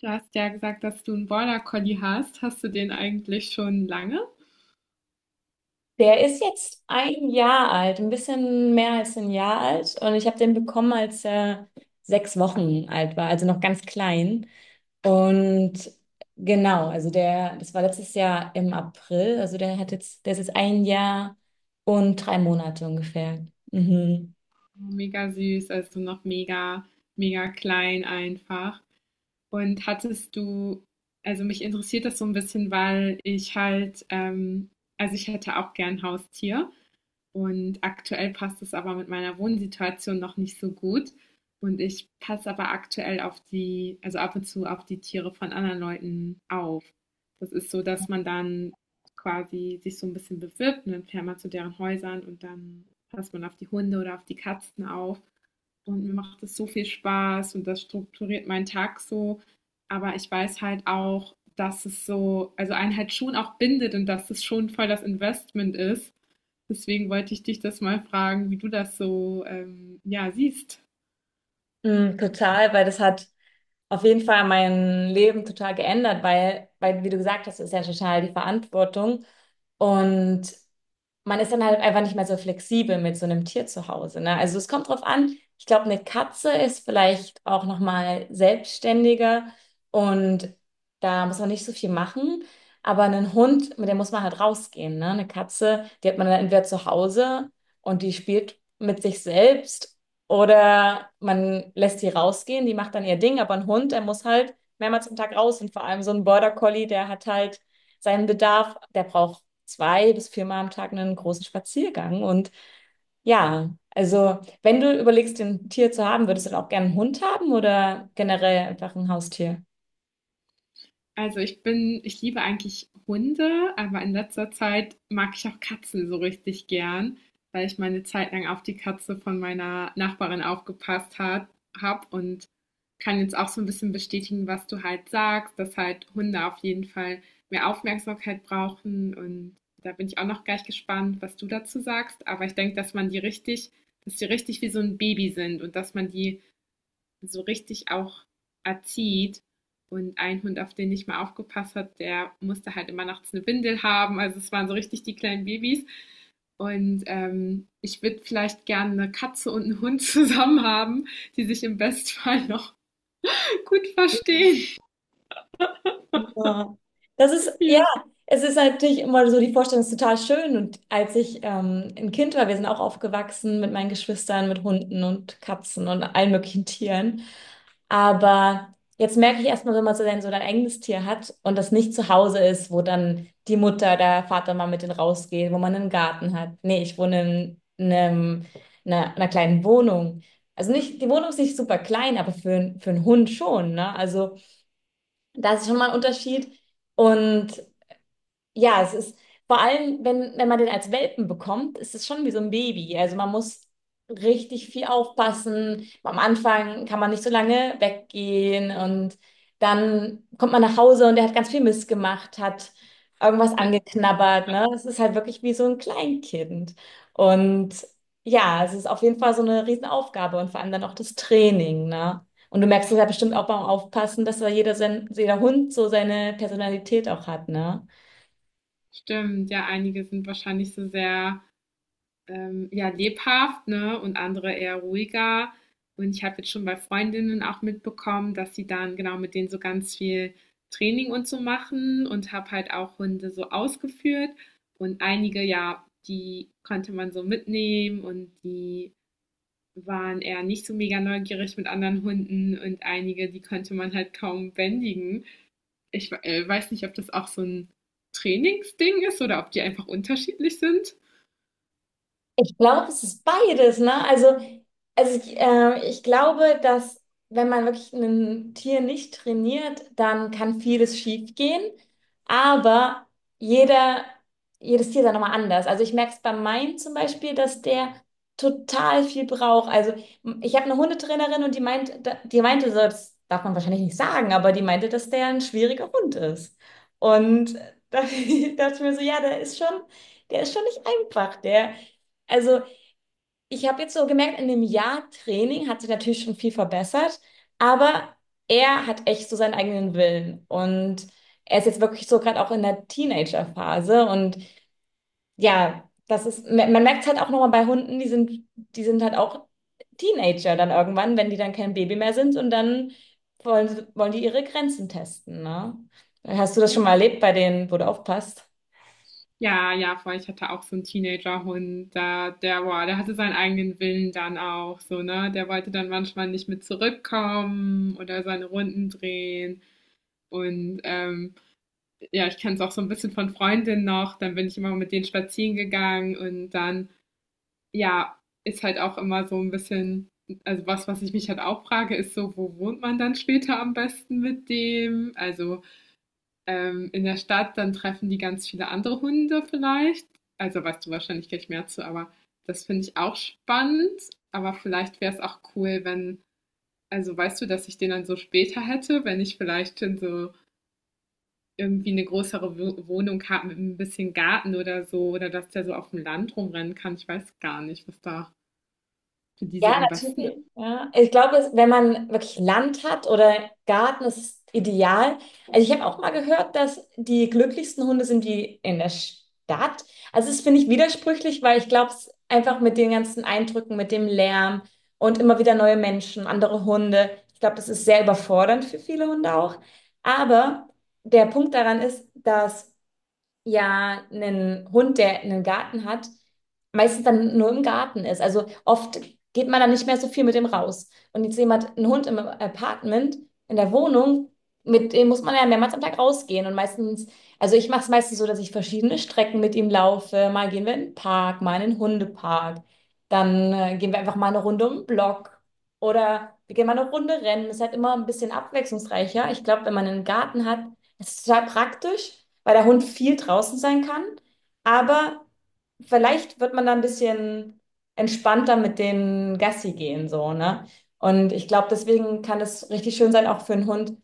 Du hast ja gesagt, dass du einen Border Collie hast. Hast du den eigentlich schon lange? Der ist jetzt 1 Jahr alt, ein bisschen mehr als 1 Jahr alt. Und ich habe den bekommen, als er 6 Wochen alt war, also noch ganz klein. Und genau, also das war letztes Jahr im April. Also der ist jetzt 1 Jahr und 3 Monate ungefähr. Mhm. Mega süß, also noch mega, mega klein einfach. Und hattest du, also mich interessiert das so ein bisschen, weil ich halt, also ich hätte auch gern Haustier. Und aktuell passt es aber mit meiner Wohnsituation noch nicht so gut. Und ich passe aber aktuell auf die, also ab und zu auf die Tiere von anderen Leuten auf. Das ist so, dass man dann quasi sich so ein bisschen bewirbt und dann fährt man zu deren Häusern und dann passt man auf die Hunde oder auf die Katzen auf. Und mir macht es so viel Spaß und das strukturiert meinen Tag so. Aber ich weiß halt auch, dass es so, also einen halt schon auch bindet und dass es schon voll das Investment ist. Deswegen wollte ich dich das mal fragen, wie du das so ja, siehst. Mm, total, weil das hat auf jeden Fall mein Leben total geändert, weil, wie du gesagt hast, ist ja total die Verantwortung. Und man ist dann halt einfach nicht mehr so flexibel mit so einem Tier zu Hause, ne? Also es kommt drauf an. Ich glaube, eine Katze ist vielleicht auch noch mal selbstständiger und da muss man nicht so viel machen. Aber einen Hund, mit dem muss man halt rausgehen, ne? Eine Katze, die hat man dann entweder zu Hause und die spielt mit sich selbst oder man lässt sie rausgehen, die macht dann ihr Ding. Aber ein Hund, der muss halt mehrmals am Tag raus und vor allem so ein Border Collie, der hat halt seinen Bedarf, der braucht 2 bis 4 Mal am Tag einen großen Spaziergang. Und ja, also wenn du überlegst, ein Tier zu haben, würdest du dann auch gerne einen Hund haben oder generell einfach ein Haustier? Also ich bin, ich liebe eigentlich Hunde, aber in letzter Zeit mag ich auch Katzen so richtig gern, weil ich meine Zeit lang auf die Katze von meiner Nachbarin aufgepasst hat, habe und kann jetzt auch so ein bisschen bestätigen, was du halt sagst, dass halt Hunde auf jeden Fall mehr Aufmerksamkeit brauchen und da bin ich auch noch gleich gespannt, was du dazu sagst. Aber ich denke, dass man die richtig, dass die richtig wie so ein Baby sind und dass man die so richtig auch erzieht. Und ein Hund, auf den ich mal aufgepasst hat, der musste halt immer nachts eine Windel haben. Also es waren so richtig die kleinen Babys. Und ich würde vielleicht gerne eine Katze und einen Hund zusammen haben, die sich im Bestfall noch gut verstehen. Ja. Das ist, ja, Ja. es ist natürlich immer so, die Vorstellung ist total schön. Und als ich ein Kind war, wir sind auch aufgewachsen mit meinen Geschwistern, mit Hunden und Katzen und allen möglichen Tieren. Aber jetzt merke ich erstmal, wenn man so sein, so dein eigenes Tier hat und das nicht zu Hause ist, wo dann die Mutter, der Vater mal mit denen rausgeht, wo man einen Garten hat. Nee, ich wohne in, einer kleinen Wohnung. Also nicht, die Wohnung ist nicht super klein, aber für einen Hund schon, ne? Also da ist schon mal ein Unterschied. Und ja, es ist vor allem, wenn man den als Welpen bekommt, ist es schon wie so ein Baby. Also man muss richtig viel aufpassen. Am Anfang kann man nicht so lange weggehen und dann kommt man nach Hause und der hat ganz viel Mist gemacht, hat irgendwas Ja, angeknabbert, ne? Es ist halt wirklich wie so ein Kleinkind. Und ja, es ist auf jeden Fall so eine Riesenaufgabe und vor allem dann auch das Training, ne? Und du merkst es ja bestimmt auch beim Aufpassen, dass da jeder Hund so seine Personalität auch hat, ne? stimmt, ja, einige sind wahrscheinlich so sehr ja, lebhaft, ne, und andere eher ruhiger. Und ich habe jetzt schon bei Freundinnen auch mitbekommen, dass sie dann genau mit denen so ganz viel Training und so machen und habe halt auch Hunde so ausgeführt. Und einige, ja, die konnte man so mitnehmen und die waren eher nicht so mega neugierig mit anderen Hunden und einige, die konnte man halt kaum bändigen. Ich weiß nicht, ob das auch so ein Trainingsding ist oder ob die einfach unterschiedlich sind. Ich glaube, es ist beides, ne? Also ich, ich glaube, dass wenn man wirklich ein Tier nicht trainiert, dann kann vieles schief gehen. Aber jeder, jedes Tier ist ja nochmal anders. Also ich merke es bei meinem zum Beispiel, dass der total viel braucht. Also ich habe eine Hundetrainerin und die meinte so, das darf man wahrscheinlich nicht sagen, aber die meinte, dass der ein schwieriger Hund ist. Und da dachte ich mir so, ja, der ist schon nicht einfach. Also, ich habe jetzt so gemerkt, in dem Jahr Training hat sich natürlich schon viel verbessert, aber er hat echt so seinen eigenen Willen und er ist jetzt wirklich so gerade auch in der Teenagerphase und ja, das ist, man merkt es halt auch nochmal bei Hunden, die sind halt auch Teenager dann irgendwann, wenn die dann kein Baby mehr sind und dann wollen die ihre Grenzen testen, ne? Hast du das Ja. schon mal erlebt bei denen, wo du aufpasst? Ja, ja, voll. Ich hatte auch so einen Teenagerhund, da der boah, der hatte seinen eigenen Willen dann auch so, ne? Der wollte dann manchmal nicht mit zurückkommen oder seine Runden drehen. Und, ja, ich kenn's auch so ein bisschen von Freundinnen noch, dann bin ich immer mit denen spazieren gegangen und dann, ja, ist halt auch immer so ein bisschen, also was, was ich mich halt auch frage, ist so: „Wo wohnt man dann später am besten mit dem?“ Also in der Stadt, dann treffen die ganz viele andere Hunde vielleicht. Also weißt du wahrscheinlich gleich mehr zu, aber das finde ich auch spannend. Aber vielleicht wäre es auch cool, wenn, also weißt du, dass ich den dann so später hätte, wenn ich vielleicht schon so irgendwie eine größere Wohnung habe mit ein bisschen Garten oder so, oder dass der so auf dem Land rumrennen kann. Ich weiß gar nicht, was da für die so Ja, am besten natürlich. ist. Ja. Ich glaube, wenn man wirklich Land hat oder Garten, das ist es ideal. Also ich habe auch mal gehört, dass die glücklichsten Hunde sind die in der Stadt. Also es finde ich widersprüchlich, weil ich glaube, es einfach mit den ganzen Eindrücken, mit dem Lärm und immer wieder neue Menschen, andere Hunde. Ich glaube, das ist sehr überfordernd für viele Hunde auch. Aber der Punkt daran ist, dass ja einen Hund, der einen Garten hat, meistens dann nur im Garten ist. Also oft geht man dann nicht mehr so viel mit dem raus. Und jetzt jemand, einen Hund im Apartment, in der Wohnung, mit dem muss man ja mehrmals am Tag rausgehen. Und meistens, also ich mache es meistens so, dass ich verschiedene Strecken mit ihm laufe. Mal gehen wir in den Park, mal in den Hundepark. Dann gehen wir einfach mal eine Runde um den Block. Oder wir gehen mal eine Runde rennen. Das ist halt immer ein bisschen abwechslungsreicher. Ich glaube, wenn man einen Garten hat, das ist total praktisch, weil der Hund viel draußen sein kann. Aber vielleicht wird man da ein bisschen entspannter mit den Gassi gehen, so, ne? Und ich glaube, deswegen kann es richtig schön sein, auch für einen Hund,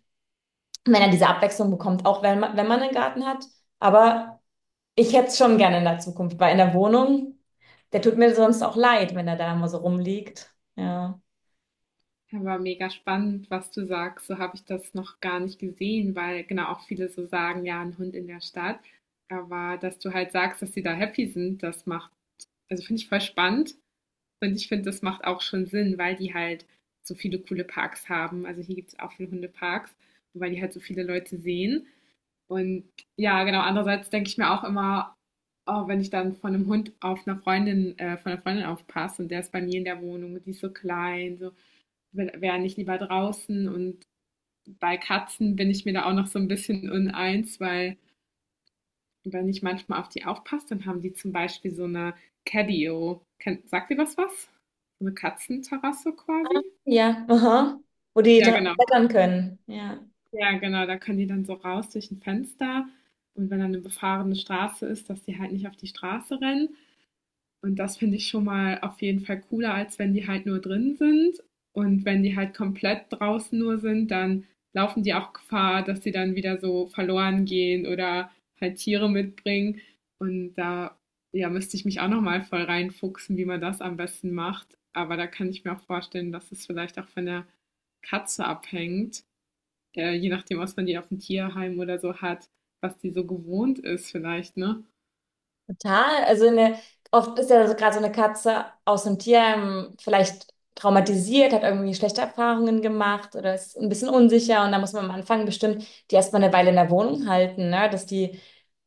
wenn er diese Abwechslung bekommt, auch wenn wenn man einen Garten hat. Aber ich hätte es schon gerne in der Zukunft, weil in der Wohnung, der tut mir sonst auch leid, wenn er da immer so rumliegt. Ja. Aber mega spannend, was du sagst. So habe ich das noch gar nicht gesehen, weil genau auch viele so sagen, ja, ein Hund in der Stadt. Aber dass du halt sagst, dass sie da happy sind, das macht, also finde ich voll spannend. Und ich finde, das macht auch schon Sinn, weil die halt so viele coole Parks haben. Also hier gibt es auch viele Hundeparks, und weil die halt so viele Leute sehen. Und ja, genau, andererseits denke ich mir auch immer, oh, wenn ich dann von einem Hund auf einer Freundin, von einer Freundin aufpasse und der ist bei mir in der Wohnung und die ist so klein, so, wäre nicht lieber draußen. Und bei Katzen bin ich mir da auch noch so ein bisschen uneins, weil wenn ich manchmal auf die aufpasse, dann haben die zum Beispiel so eine Catio. Sagt ihr das was? So eine Katzenterrasse quasi? Ja, aha. Wo die Ja, genau. klettern können. Ja. Ja, genau. Da können die dann so raus durch ein Fenster. Und wenn dann eine befahrene Straße ist, dass die halt nicht auf die Straße rennen. Und das finde ich schon mal auf jeden Fall cooler, als wenn die halt nur drin sind. Und wenn die halt komplett draußen nur sind, dann laufen die auch Gefahr, dass sie dann wieder so verloren gehen oder halt Tiere mitbringen. Und da, ja, müsste ich mich auch nochmal voll reinfuchsen, wie man das am besten macht. Aber da kann ich mir auch vorstellen, dass es vielleicht auch von der Katze abhängt, je nachdem, was man die auf dem Tierheim oder so hat, was die so gewohnt ist vielleicht, ne? Total. Also oft ist ja so gerade so eine Katze aus einem Tierheim vielleicht traumatisiert, hat irgendwie schlechte Erfahrungen gemacht oder ist ein bisschen unsicher und da muss man am Anfang bestimmt die erstmal eine Weile in der Wohnung halten, ne? Dass die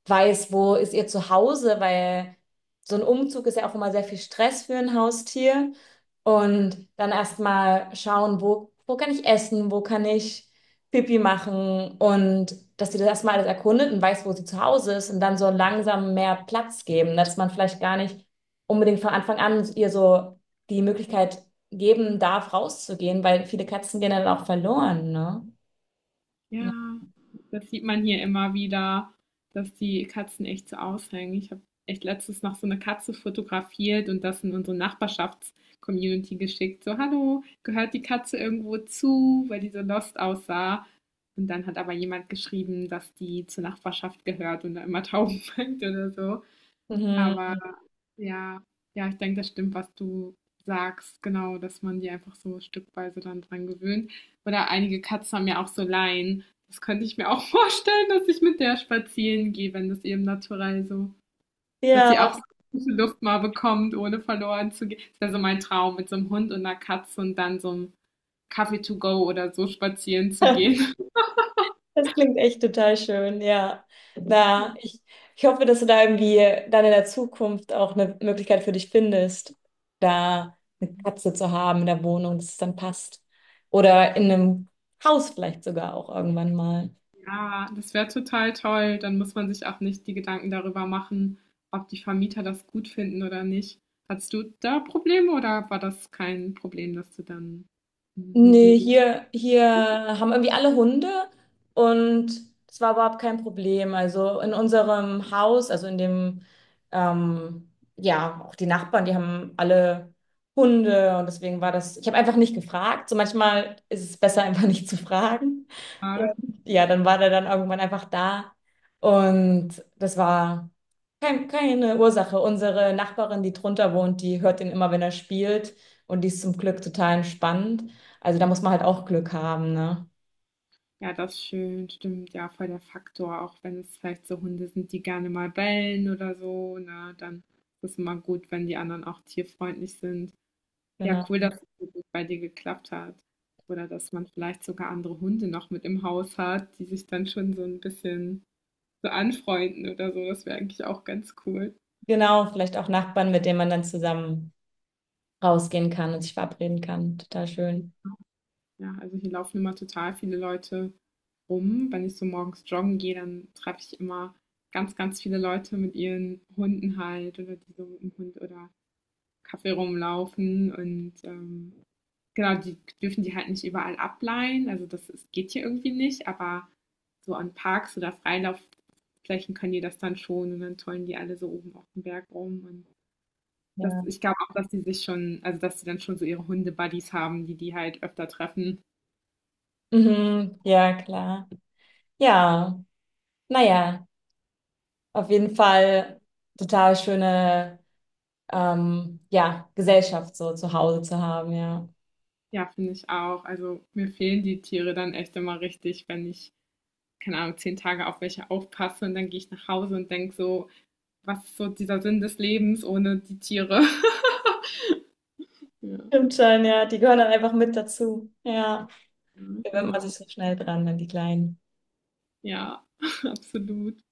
weiß, wo ist ihr Zuhause, weil so ein Umzug ist ja auch immer sehr viel Stress für ein Haustier und dann erstmal schauen, wo kann ich essen, wo kann ich Pipi machen und dass sie das erstmal alles erkundet und weiß, wo sie zu Hause ist und dann so langsam mehr Platz geben, dass man vielleicht gar nicht unbedingt von Anfang an ihr so die Möglichkeit geben darf, rauszugehen, weil viele Katzen gehen dann auch verloren, ne? Ja. Ja, das sieht man hier immer wieder, dass die Katzen echt so aushängen. Ich habe echt letztens noch so eine Katze fotografiert und das in unsere Nachbarschafts-Community geschickt. So: „Hallo, gehört die Katze irgendwo zu?“, weil die so lost aussah. Und dann hat aber jemand geschrieben, dass die zur Nachbarschaft gehört und da immer Tauben fängt oder so. Aber Mhm. ja, ja, ich denke, das stimmt, was du sagst, genau, dass man die einfach so stückweise dann dran gewöhnt. Oder einige Katzen haben ja auch so Leinen. Das könnte ich mir auch vorstellen, dass ich mit der spazieren gehe, wenn das eben naturell so, dass Ja. sie auch so gute Luft mal bekommt, ohne verloren zu gehen. Das wäre so mein Traum, mit so einem Hund und einer Katze und dann so einem Kaffee to go oder so spazieren zu gehen. Das klingt echt total schön, ja. Na, ich, ich hoffe, dass du da irgendwie dann in der Zukunft auch eine Möglichkeit für dich findest, da eine Katze zu haben in der Wohnung, dass es dann passt. Oder in einem Haus vielleicht sogar auch irgendwann mal. Ja, das wäre total toll. Dann muss man sich auch nicht die Gedanken darüber machen, ob die Vermieter das gut finden oder nicht. Hattest du da Probleme oder war das kein Problem, dass du dann einen Hund Nee, mit hier haben irgendwie alle Hunde und das war überhaupt kein Problem. Also in unserem Haus, also in dem, ähm, ja, auch die Nachbarn, die haben alle Hunde und deswegen war das, ich habe einfach nicht gefragt. So manchmal ist es besser, einfach nicht zu fragen. Und hattest? ja, dann war der dann irgendwann einfach da und das war. Keine Ursache. Unsere Nachbarin, die drunter wohnt, die hört ihn immer, wenn er spielt. Und die ist zum Glück total entspannt. Also da muss man halt auch Glück haben, ne? Ja, das ist schön, stimmt. Ja, voll der Faktor, auch wenn es vielleicht so Hunde sind, die gerne mal bellen oder so, ne, dann ist es immer gut, wenn die anderen auch tierfreundlich sind. Ja, Genau. cool, dass es so gut bei dir geklappt hat. Oder dass man vielleicht sogar andere Hunde noch mit im Haus hat, die sich dann schon so ein bisschen so anfreunden oder so. Das wäre eigentlich auch ganz cool. Genau, vielleicht auch Nachbarn, mit denen man dann zusammen rausgehen kann und sich verabreden kann. Total schön. Ja, also hier laufen immer total viele Leute rum. Wenn ich so morgens joggen gehe, dann treffe ich immer ganz, ganz viele Leute mit ihren Hunden halt oder die so mit dem Hund oder Kaffee rumlaufen und genau, die dürfen die halt nicht überall ableihen. Also das ist, geht hier irgendwie nicht, aber so an Parks oder Freilaufflächen können die das dann schon und dann tollen die alle so oben auf dem Berg rum und das, Ja. ich glaube auch, dass die sich schon, also, dass sie dann schon so ihre Hunde-Buddies haben, die die halt öfter treffen. Mhm, ja, klar. Ja, naja, auf jeden Fall total schöne ja, Gesellschaft so zu Hause zu haben, ja. Ja, finde ich auch. Also, mir fehlen die Tiere dann echt immer richtig, wenn ich, keine Ahnung, 10 Tage auf welche aufpasse und dann gehe ich nach Hause und denke so: „Was ist so dieser Sinn des Lebens ohne die Tiere?“ Ja, Stimmt schon, ja. Die gehören dann einfach mit dazu. Ja. gewöhnt man sich genau. so schnell dran an die kleinen Ja, absolut.